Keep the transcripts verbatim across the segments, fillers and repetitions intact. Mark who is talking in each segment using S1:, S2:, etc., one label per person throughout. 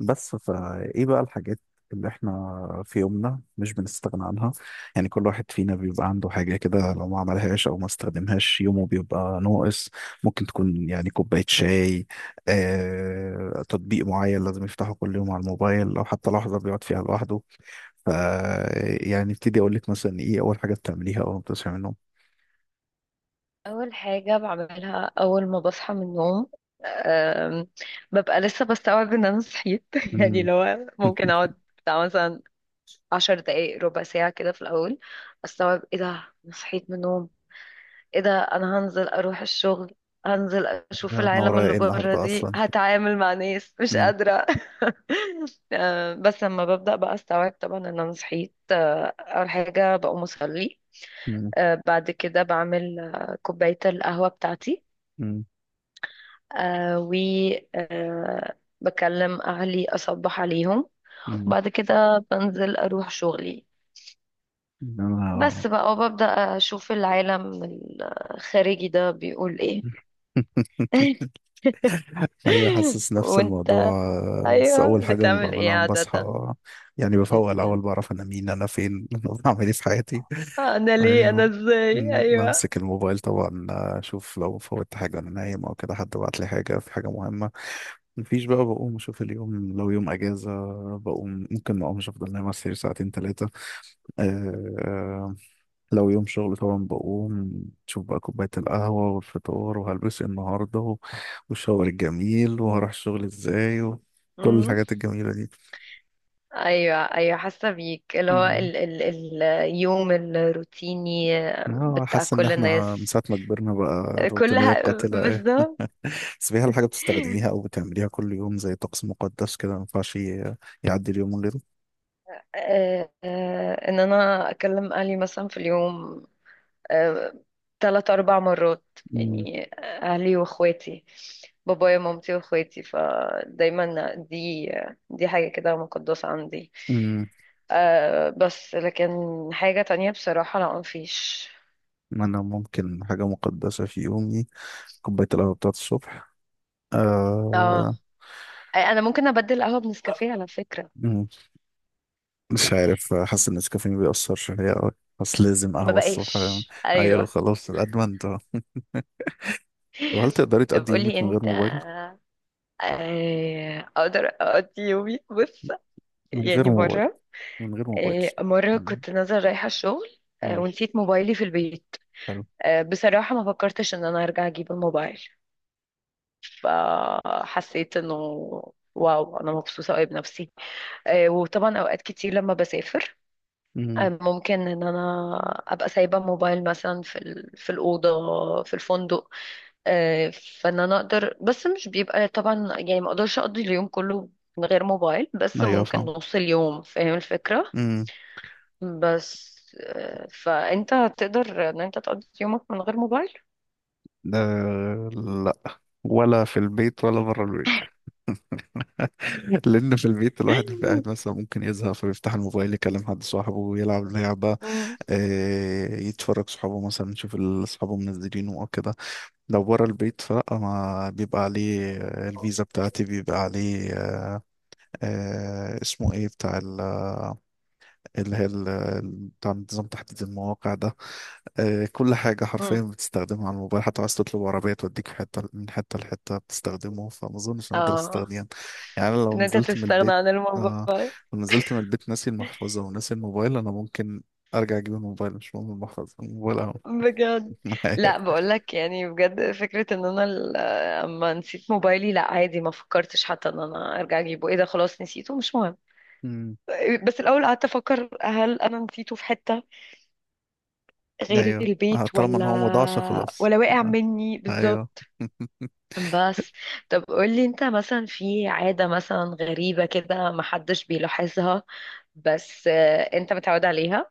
S1: بس فايه بقى الحاجات اللي احنا في يومنا مش بنستغنى عنها. يعني كل واحد فينا بيبقى عنده حاجة كده، لو ما عملهاش او ما استخدمهاش يومه بيبقى ناقص. ممكن تكون يعني كوباية شاي، آه، تطبيق معين لازم يفتحه كل يوم على الموبايل او حتى لحظة بيقعد فيها لوحده. ف يعني ابتدي اقول لك مثلا ايه اول حاجة بتعمليها اول ما بتصحي من النوم؟
S2: أول حاجة بعملها أول ما بصحى من النوم. أم، ببقى لسه بستوعب إن أنا صحيت يعني
S1: مم.
S2: لو ممكن أقعد بتاع مثلا عشر دقايق ربع ساعة كده في الأول، أستوعب إيه ده، أنا صحيت من النوم، إيه ده أنا هنزل أروح الشغل، هنزل أشوف
S1: ده انا
S2: العالم
S1: ورايا
S2: اللي
S1: ايه
S2: بره
S1: النهارده
S2: دي
S1: اصلا؟
S2: هتعامل مع ناس مش
S1: مم.
S2: قادرة أم، بس لما ببدأ بقى أستوعب طبعا إن أنا صحيت. أه، أول حاجة بقوم أصلي.
S1: مم.
S2: أه، بعد كده بعمل أه، كوباية القهوة بتاعتي.
S1: مم.
S2: آه و آه بكلم أهلي أصبح عليهم.
S1: مم.
S2: وبعد كده بنزل أروح شغلي
S1: انا
S2: بس بقى، وببدأ أشوف العالم الخارجي ده بيقول إيه.
S1: ايوه، حاسس نفس الموضوع.
S2: وأنت،
S1: بس
S2: أيوه
S1: اول حاجه ما
S2: بتعمل إيه
S1: بعملها لما بصحى،
S2: عادة؟
S1: يعني بفوق الاول
S2: مم.
S1: بعرف انا مين انا فين انا بعمل ايه في حياتي.
S2: أنا ليه أنا
S1: ايوه.
S2: إزاي؟
S1: أمم،
S2: أيوه.
S1: بمسك الموبايل طبعا، اشوف لو فوتت حاجه انا نايم او كده، حد بعت لي حاجه في حاجه مهمه. مفيش بقى. بقوم اشوف اليوم لو يوم اجازه، بقوم ممكن ما اقومش، افضل نايم على السرير ساعتين ثلاثه. لو يوم شغل طبعا بقوم شوف بقى كوباية القهوة والفطار وهلبس إيه النهاردة و- والشاور الجميل وهروح الشغل ازاي وكل
S2: مم.
S1: الحاجات الجميلة دي.
S2: أيوه أيوه، حاسة بيك اللي هو
S1: مم.
S2: ال ال اليوم الروتيني
S1: اه
S2: بتاع
S1: حاسس ان
S2: كل
S1: احنا من
S2: الناس
S1: ساعة ما كبرنا بقى روتينية
S2: كلها
S1: قاتلة ايه.
S2: بالظبط.
S1: بس فيها الحاجة بتستخدميها او بتعمليها كل يوم زي طقس مقدس كده، ما ينفعش ي- يعدي اليوم من غيره.
S2: آه، آه، ان انا اكلم اهلي مثلا في اليوم آه، تلات اربع مرات.
S1: مم.
S2: يعني اهلي واخواتي، بابايا ومامتي واخواتي، فدايما دي، دي حاجة كده مقدسة عندي.
S1: مم.
S2: أه بس لكن حاجة تانية بصراحة لا مفيش.
S1: انا ممكن حاجة مقدسة في يومي، كوباية القهوة بتاعت الصبح.
S2: اه،
S1: آه.
S2: انا ممكن ابدل قهوة بنسكافيه على فكرة،
S1: مش عارف، حاسس ان النسكافيه بيأثر شوية أوي، بس لازم
S2: ما
S1: قهوة الصبح.
S2: بقاش
S1: أيوة
S2: ايوه.
S1: خلاص أدمنت أهو. طب هل تقدري
S2: طب
S1: تقضي
S2: قولي
S1: يومك من غير
S2: انت.
S1: موبايل؟
S2: آه، اقدر اقضي يومي، بص
S1: من غير
S2: يعني
S1: موبايل.
S2: مرة،
S1: من غير موبايل.
S2: آه، مرة
S1: مم.
S2: كنت نازلة رايحة الشغل آه،
S1: مم.
S2: ونسيت موبايلي في البيت.
S1: حلو.
S2: آه، بصراحة ما فكرتش ان انا ارجع اجيب الموبايل، فحسيت انه واو انا مبسوطة قوي بنفسي. آه، وطبعا اوقات كتير لما بسافر
S1: مم.
S2: آه، ممكن ان انا ابقى سايبه موبايل مثلا في ال- في الاوضه في الفندق. آه، فان انا اقدر، بس مش بيبقى طبعا، يعني ما اقدرش اقضي اليوم كله من غير موبايل، بس
S1: أيوة
S2: ممكن
S1: فاهم.
S2: نص اليوم، فاهم الفكره؟
S1: مم.
S2: بس آه، فانت هتقدر ان انت تقضي يومك من غير موبايل؟
S1: ده لأ، ولا في البيت ولا بره البيت. لأن في البيت الواحد بيبقى قاعد مثلا ممكن يزهق، فبيفتح الموبايل يكلم حد صاحبه ويلعب لعبة،
S2: مم.
S1: آه، يتفرج صحابه مثلا يشوف ال- صحابه منزلينه او كده. لو بره البيت فلا، ما بيبقى عليه آه، الفيزا بتاعتي، بيبقى عليه آه، آه، اسمه ايه بتاع، اللي هي ال- ال- بتاع نظام تحديد المواقع ده، آه، كل حاجة حرفيا
S2: مم.
S1: بتستخدمها على الموبايل. حتى عايز تطلب عربية توديك في حتة من حتة لحتة بتستخدمه، فما أظنش إن أقدر
S2: اه،
S1: أستخدمه يعني. أنا لو
S2: ان انت
S1: نزلت من
S2: تستغنى
S1: البيت،
S2: عن
S1: آه
S2: الموبايل.
S1: لو نزلت من البيت ناسي المحفظة وناسي الموبايل، أنا ممكن أرجع أجيب الموبايل. مش مهم المحفظة، الموبايل أهو
S2: بجد؟
S1: معايا.
S2: لا بقولك يعني بجد فكرة ان انا ال- آه، اما نسيت موبايلي لا عادي، ما فكرتش حتى ان انا ارجع اجيبه، ايه ده خلاص نسيته مش مهم.
S1: أمم،
S2: بس الاول قعدت افكر هل انا نسيته في حتة غير
S1: أيوه آه،
S2: البيت
S1: طالما إن
S2: ولا،
S1: هو مضاعش خلاص.
S2: ولا واقع
S1: آه،
S2: مني
S1: أيوه.
S2: بالظبط. بس طب قولي انت، مثلا في عادة مثلا غريبة كده محدش بيلاحظها بس آه، انت متعود عليها؟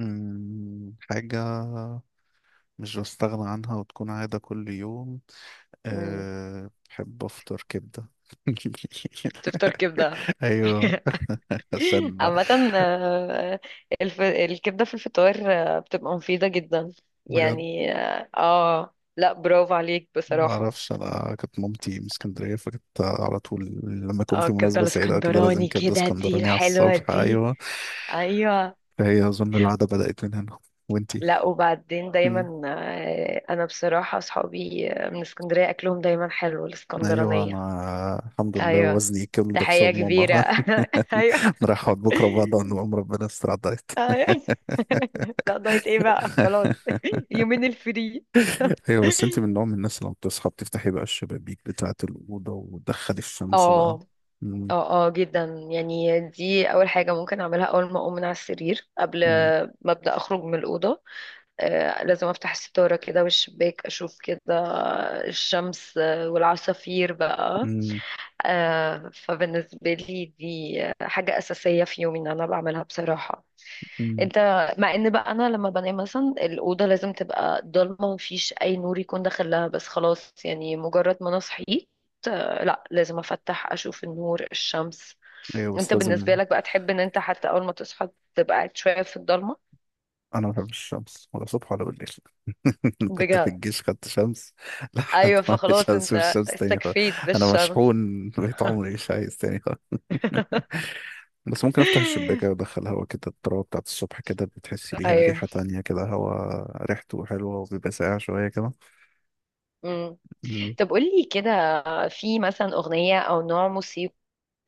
S1: أمم، حاجة مش بستغنى عنها وتكون عادة كل يوم،
S2: مم،
S1: أه بحب أفطر كبدة.
S2: تفطر كبدة؟
S1: أيوه، عشان
S2: عامة آه، الف... الكبدة في الفطار آه، بتبقى مفيدة جدا،
S1: بجد
S2: يعني اه آه، لا برافو عليك
S1: ما
S2: بصراحة.
S1: أعرفش، أنا كانت مامتي من اسكندرية، فكنت على طول لما يكون
S2: اه
S1: في
S2: الكبدة
S1: مناسبة سعيدة أو كده لازم
S2: الاسكندراني
S1: كبدة
S2: كده دي
S1: اسكندراني على
S2: الحلوة
S1: الصبح.
S2: دي،
S1: أيوه.
S2: ايوه.
S1: فهي أظن العادة بدأت من هنا. وأنتي؟
S2: لا وبعدين
S1: مم.
S2: دايما آه، انا بصراحة اصحابي آه، من اسكندرية اكلهم دايما حلو
S1: أيوه،
S2: الاسكندرانية.
S1: أنا الحمد لله
S2: ايوه،
S1: وزني كل ده
S2: تحية
S1: بسبب
S2: كبيرة.
S1: ماما.
S2: ايوه
S1: أنا رايح أقعد بكرة بعد عن الأم، ربنا يستر على الدايت.
S2: ايوه. لا دايت ايه بقى؟ خلاص يومين الفري.
S1: أيوه. بس أنتي من نوع من الناس اللي لما بتصحى بتفتحي بقى الشبابيك بتاعة الأوضة وتدخلي الشمس بقى؟
S2: اه، اه اه جدا. يعني دي اول حاجة ممكن اعملها اول ما اقوم من على السرير قبل
S1: مم.
S2: ما ابدا اخرج من الأوضة. آه لازم افتح الستارة كده والشباك، اشوف كده الشمس آه، والعصافير بقى.
S1: امم.
S2: آه، فبالنسبة لي دي حاجة أساسية في يومي ان انا بعملها بصراحة.
S1: امم.
S2: انت، مع ان بقى انا لما بنام مثلا الاوضه لازم تبقى ضلمه ومفيش اي نور يكون داخلها، بس خلاص يعني مجرد ما انا صحيت آه، لا لازم افتح اشوف النور الشمس.
S1: ايوه بس
S2: انت بالنسبه
S1: لازم.
S2: لك بقى تحب ان انت حتى اول ما تصحى تبقى قاعد شويه في الضلمه؟
S1: انا ما بحبش الشمس، ولا صبح ولا بالليل. كنت في
S2: بجد؟
S1: الجيش خدت شمس لحد
S2: ايوه
S1: ما مش
S2: فخلاص
S1: هشوف
S2: انت
S1: الشمس تاني خالص.
S2: استكفيت
S1: انا
S2: بالشمس.
S1: مشحون بقيت، عمري مش عايز تاني خالص. بس ممكن افتح الشباكة وادخل هوا كده، التراب بتاعت الصبح كده بتحسي ليها
S2: ايوه.
S1: ريحة تانية كده، هوا ريحته حلوة وبيبقى ساقع شوية كده.
S2: مم. طب قولي كده، في مثلا اغنيه او نوع موسيقى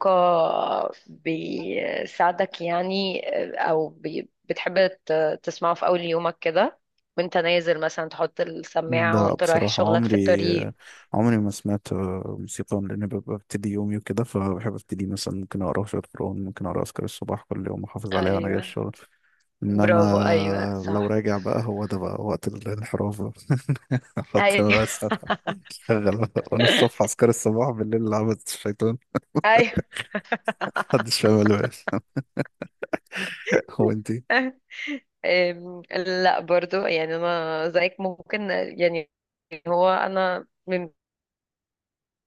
S2: آه، بيساعدك يعني، آه، او بي- بتحب ت- تسمعه في اول يومك كده وانت نازل، مثلا تحط السماعة
S1: لا
S2: وانت رايح
S1: بصراحة،
S2: شغلك في
S1: عمري
S2: الطريق؟
S1: عمري ما سمعت آه، موسيقى، لأن ببقى ببتدي يومي وكده، فبحب أبتدي مثلا ممكن أقرأ شوية قرآن، ممكن أقرأ أذكار الصباح كل يوم أحافظ عليها وأنا جاي
S2: ايوه
S1: الشغل. إنما
S2: برافو ايوه
S1: لو
S2: صح.
S1: راجع بقى، هو ده بقى وقت الانحراف بقى. أحط
S2: ايوه.
S1: بس. أشغل بقى. وأنا الصبح أذكار الصباح، بالليل لعبة الشيطان.
S2: ايوه.
S1: محدش فاهم اللي هو. أنتي؟
S2: أم، لا برضو يعني انا زيك ممكن يعني. هو انا من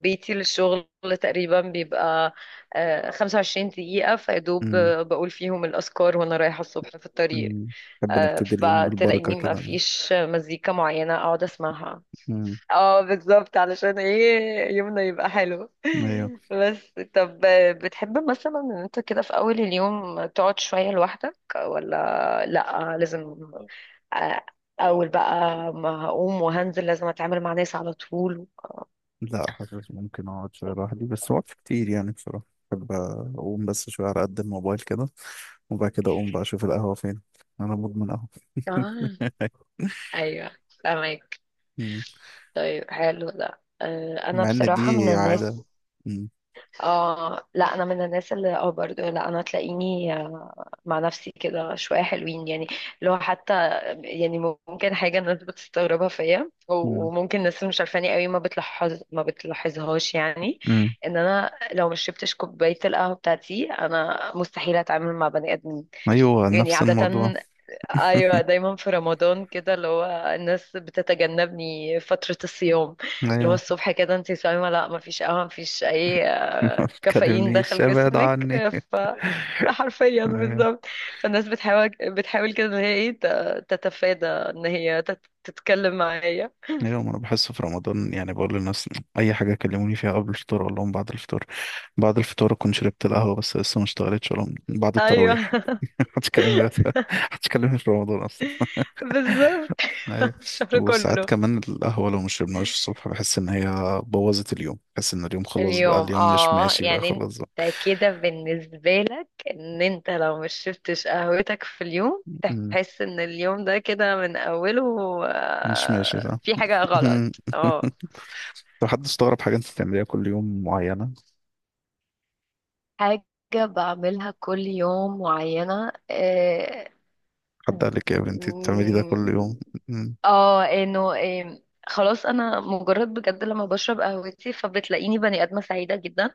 S2: بيتي للشغل تقريبا بيبقى آه، خمسة وعشرين دقيقة فيدوب،
S1: مم.
S2: بقول فيهم الأذكار وأنا رايحة الصبح في الطريق.
S1: مم. نحب
S2: آه،
S1: نبتدي اليوم بالبركة
S2: فتلاقيني ما
S1: كده.
S2: فيش مزيكا معينة اقعد اسمعها.
S1: مم.
S2: اه بالظبط، علشان ايه يومنا يبقى حلو.
S1: أيوة.
S2: بس طب آه، بتحب مثلا ان انت كده في اول اليوم تقعد شوية لوحدك ولا لا، لازم آه، اول بقى ما هقوم وهنزل لازم اتعامل مع ناس على طول؟
S1: لا حاسس ممكن اقعد شويه لوحدي، بس وقت كتير يعني بصراحه بحب اقوم بس شويه على قد الموبايل كده، وبعد كده اقوم بقى اشوف القهوه فين. انا مدمن قهوه.
S2: اه. ايوه فاهمك.
S1: مم.
S2: طيب حلو ده آه، انا
S1: مع ان
S2: بصراحة من
S1: دي عاده.
S2: الناس،
S1: مم.
S2: اه لا انا من الناس اللي اه برضه، لا انا تلاقيني آه، مع نفسي كده شويه حلوين يعني لو حتى يعني. ممكن حاجه الناس بتستغربها فيا
S1: مم.
S2: وممكن الناس مش عارفاني قوي ما بتلاحظ ما بتلاحظهاش يعني،
S1: مم.
S2: ان انا لو مش شربتش كوبايه القهوه بتاعتي انا مستحيل اتعامل مع بني ادمين،
S1: ايوه
S2: يعني
S1: نفس
S2: عاده.
S1: الموضوع.
S2: ايوه دايما في رمضان كده اللي هو الناس بتتجنبني فتره الصيام. اللي هو
S1: ايوه
S2: الصبح كده انت صايمه، لا ما فيش قهوه ما فيش اي
S1: ما
S2: كافيين
S1: تكلمنيش
S2: دخل
S1: ابعد
S2: جسمك.
S1: عني.
S2: حرفيا
S1: ايوه.
S2: بالظبط. فالناس بتحاول بتحاول كده ان هي ايه ت- تتفادى ان هي تت- تتكلم معايا.
S1: ايوه ما انا بحس في رمضان يعني بقول للناس اي حاجه كلموني فيها قبل الفطور اقول لهم بعد الفطور. بعد الفطار أكون شربت القهوة بس لسه ما اشتغلتش، ولا بعد
S2: ايوه.
S1: التراويح. محدش كلمني. محدش كلمني في رمضان أصلا.
S2: بالظبط.
S1: أيوة.
S2: الشهر
S1: وساعات
S2: كله.
S1: كمان القهوة لو ما شربناهاش الصبح بحس إن هي بوظت اليوم، بحس إن اليوم خلاص بقى،
S2: اليوم
S1: اليوم مش
S2: اه،
S1: ماشي بقى
S2: يعني
S1: خلاص بقى.
S2: انت كده بالنسبة لك ان انت لو مش شربتش قهوتك في اليوم
S1: أمم،
S2: تحس ان اليوم ده كده من اوله
S1: مش ماشي،
S2: آه،
S1: صح.
S2: في حاجة غلط، اه.
S1: لو حد استغرب حاجة أنت بتعمليها كل يوم معينة،
S2: حاجة بعملها كل يوم معينة، آه،
S1: حد
S2: مم.
S1: قال لك يا بنتي بتعملي ده كل يوم؟ أمم.
S2: اه انه إيه، خلاص انا مجرد بجد لما بشرب قهوتي فبتلاقيني بني ادمه سعيده جدا.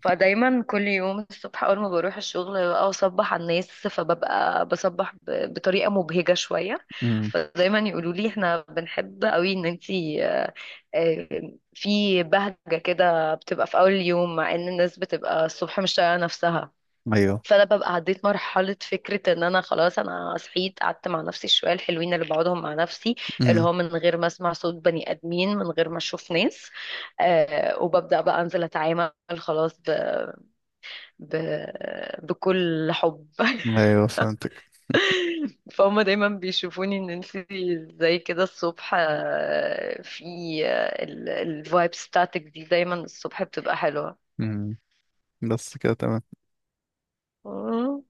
S2: فدايما كل يوم الصبح اول ما بروح الشغل بقى اصبح على الناس، فببقى بصبح ب- بطريقه مبهجه شويه.
S1: أمم.
S2: فدايما يقولوا لي احنا بنحب قوي ان انتي آه، آه، في بهجه كده بتبقى في اول اليوم، مع ان الناس بتبقى الصبح مش طايقه نفسها.
S1: أيوه.
S2: فانا ببقى عديت مرحله فكره ان انا خلاص انا صحيت، قعدت مع نفسي الشويه الحلوين اللي بقعدهم مع نفسي، اللي
S1: أمم.
S2: هو من غير ما اسمع صوت بني ادمين، من غير ما اشوف ناس. آه وببدا بقى انزل اتعامل خلاص ب... ب... بكل حب.
S1: أيوه فهمتك.
S2: فهم دايما بيشوفوني ان انت زي كده الصبح آه، في الفايب ستاتك دي دايما الصبح بتبقى
S1: أمم. بس كده تمام.
S2: حلوه.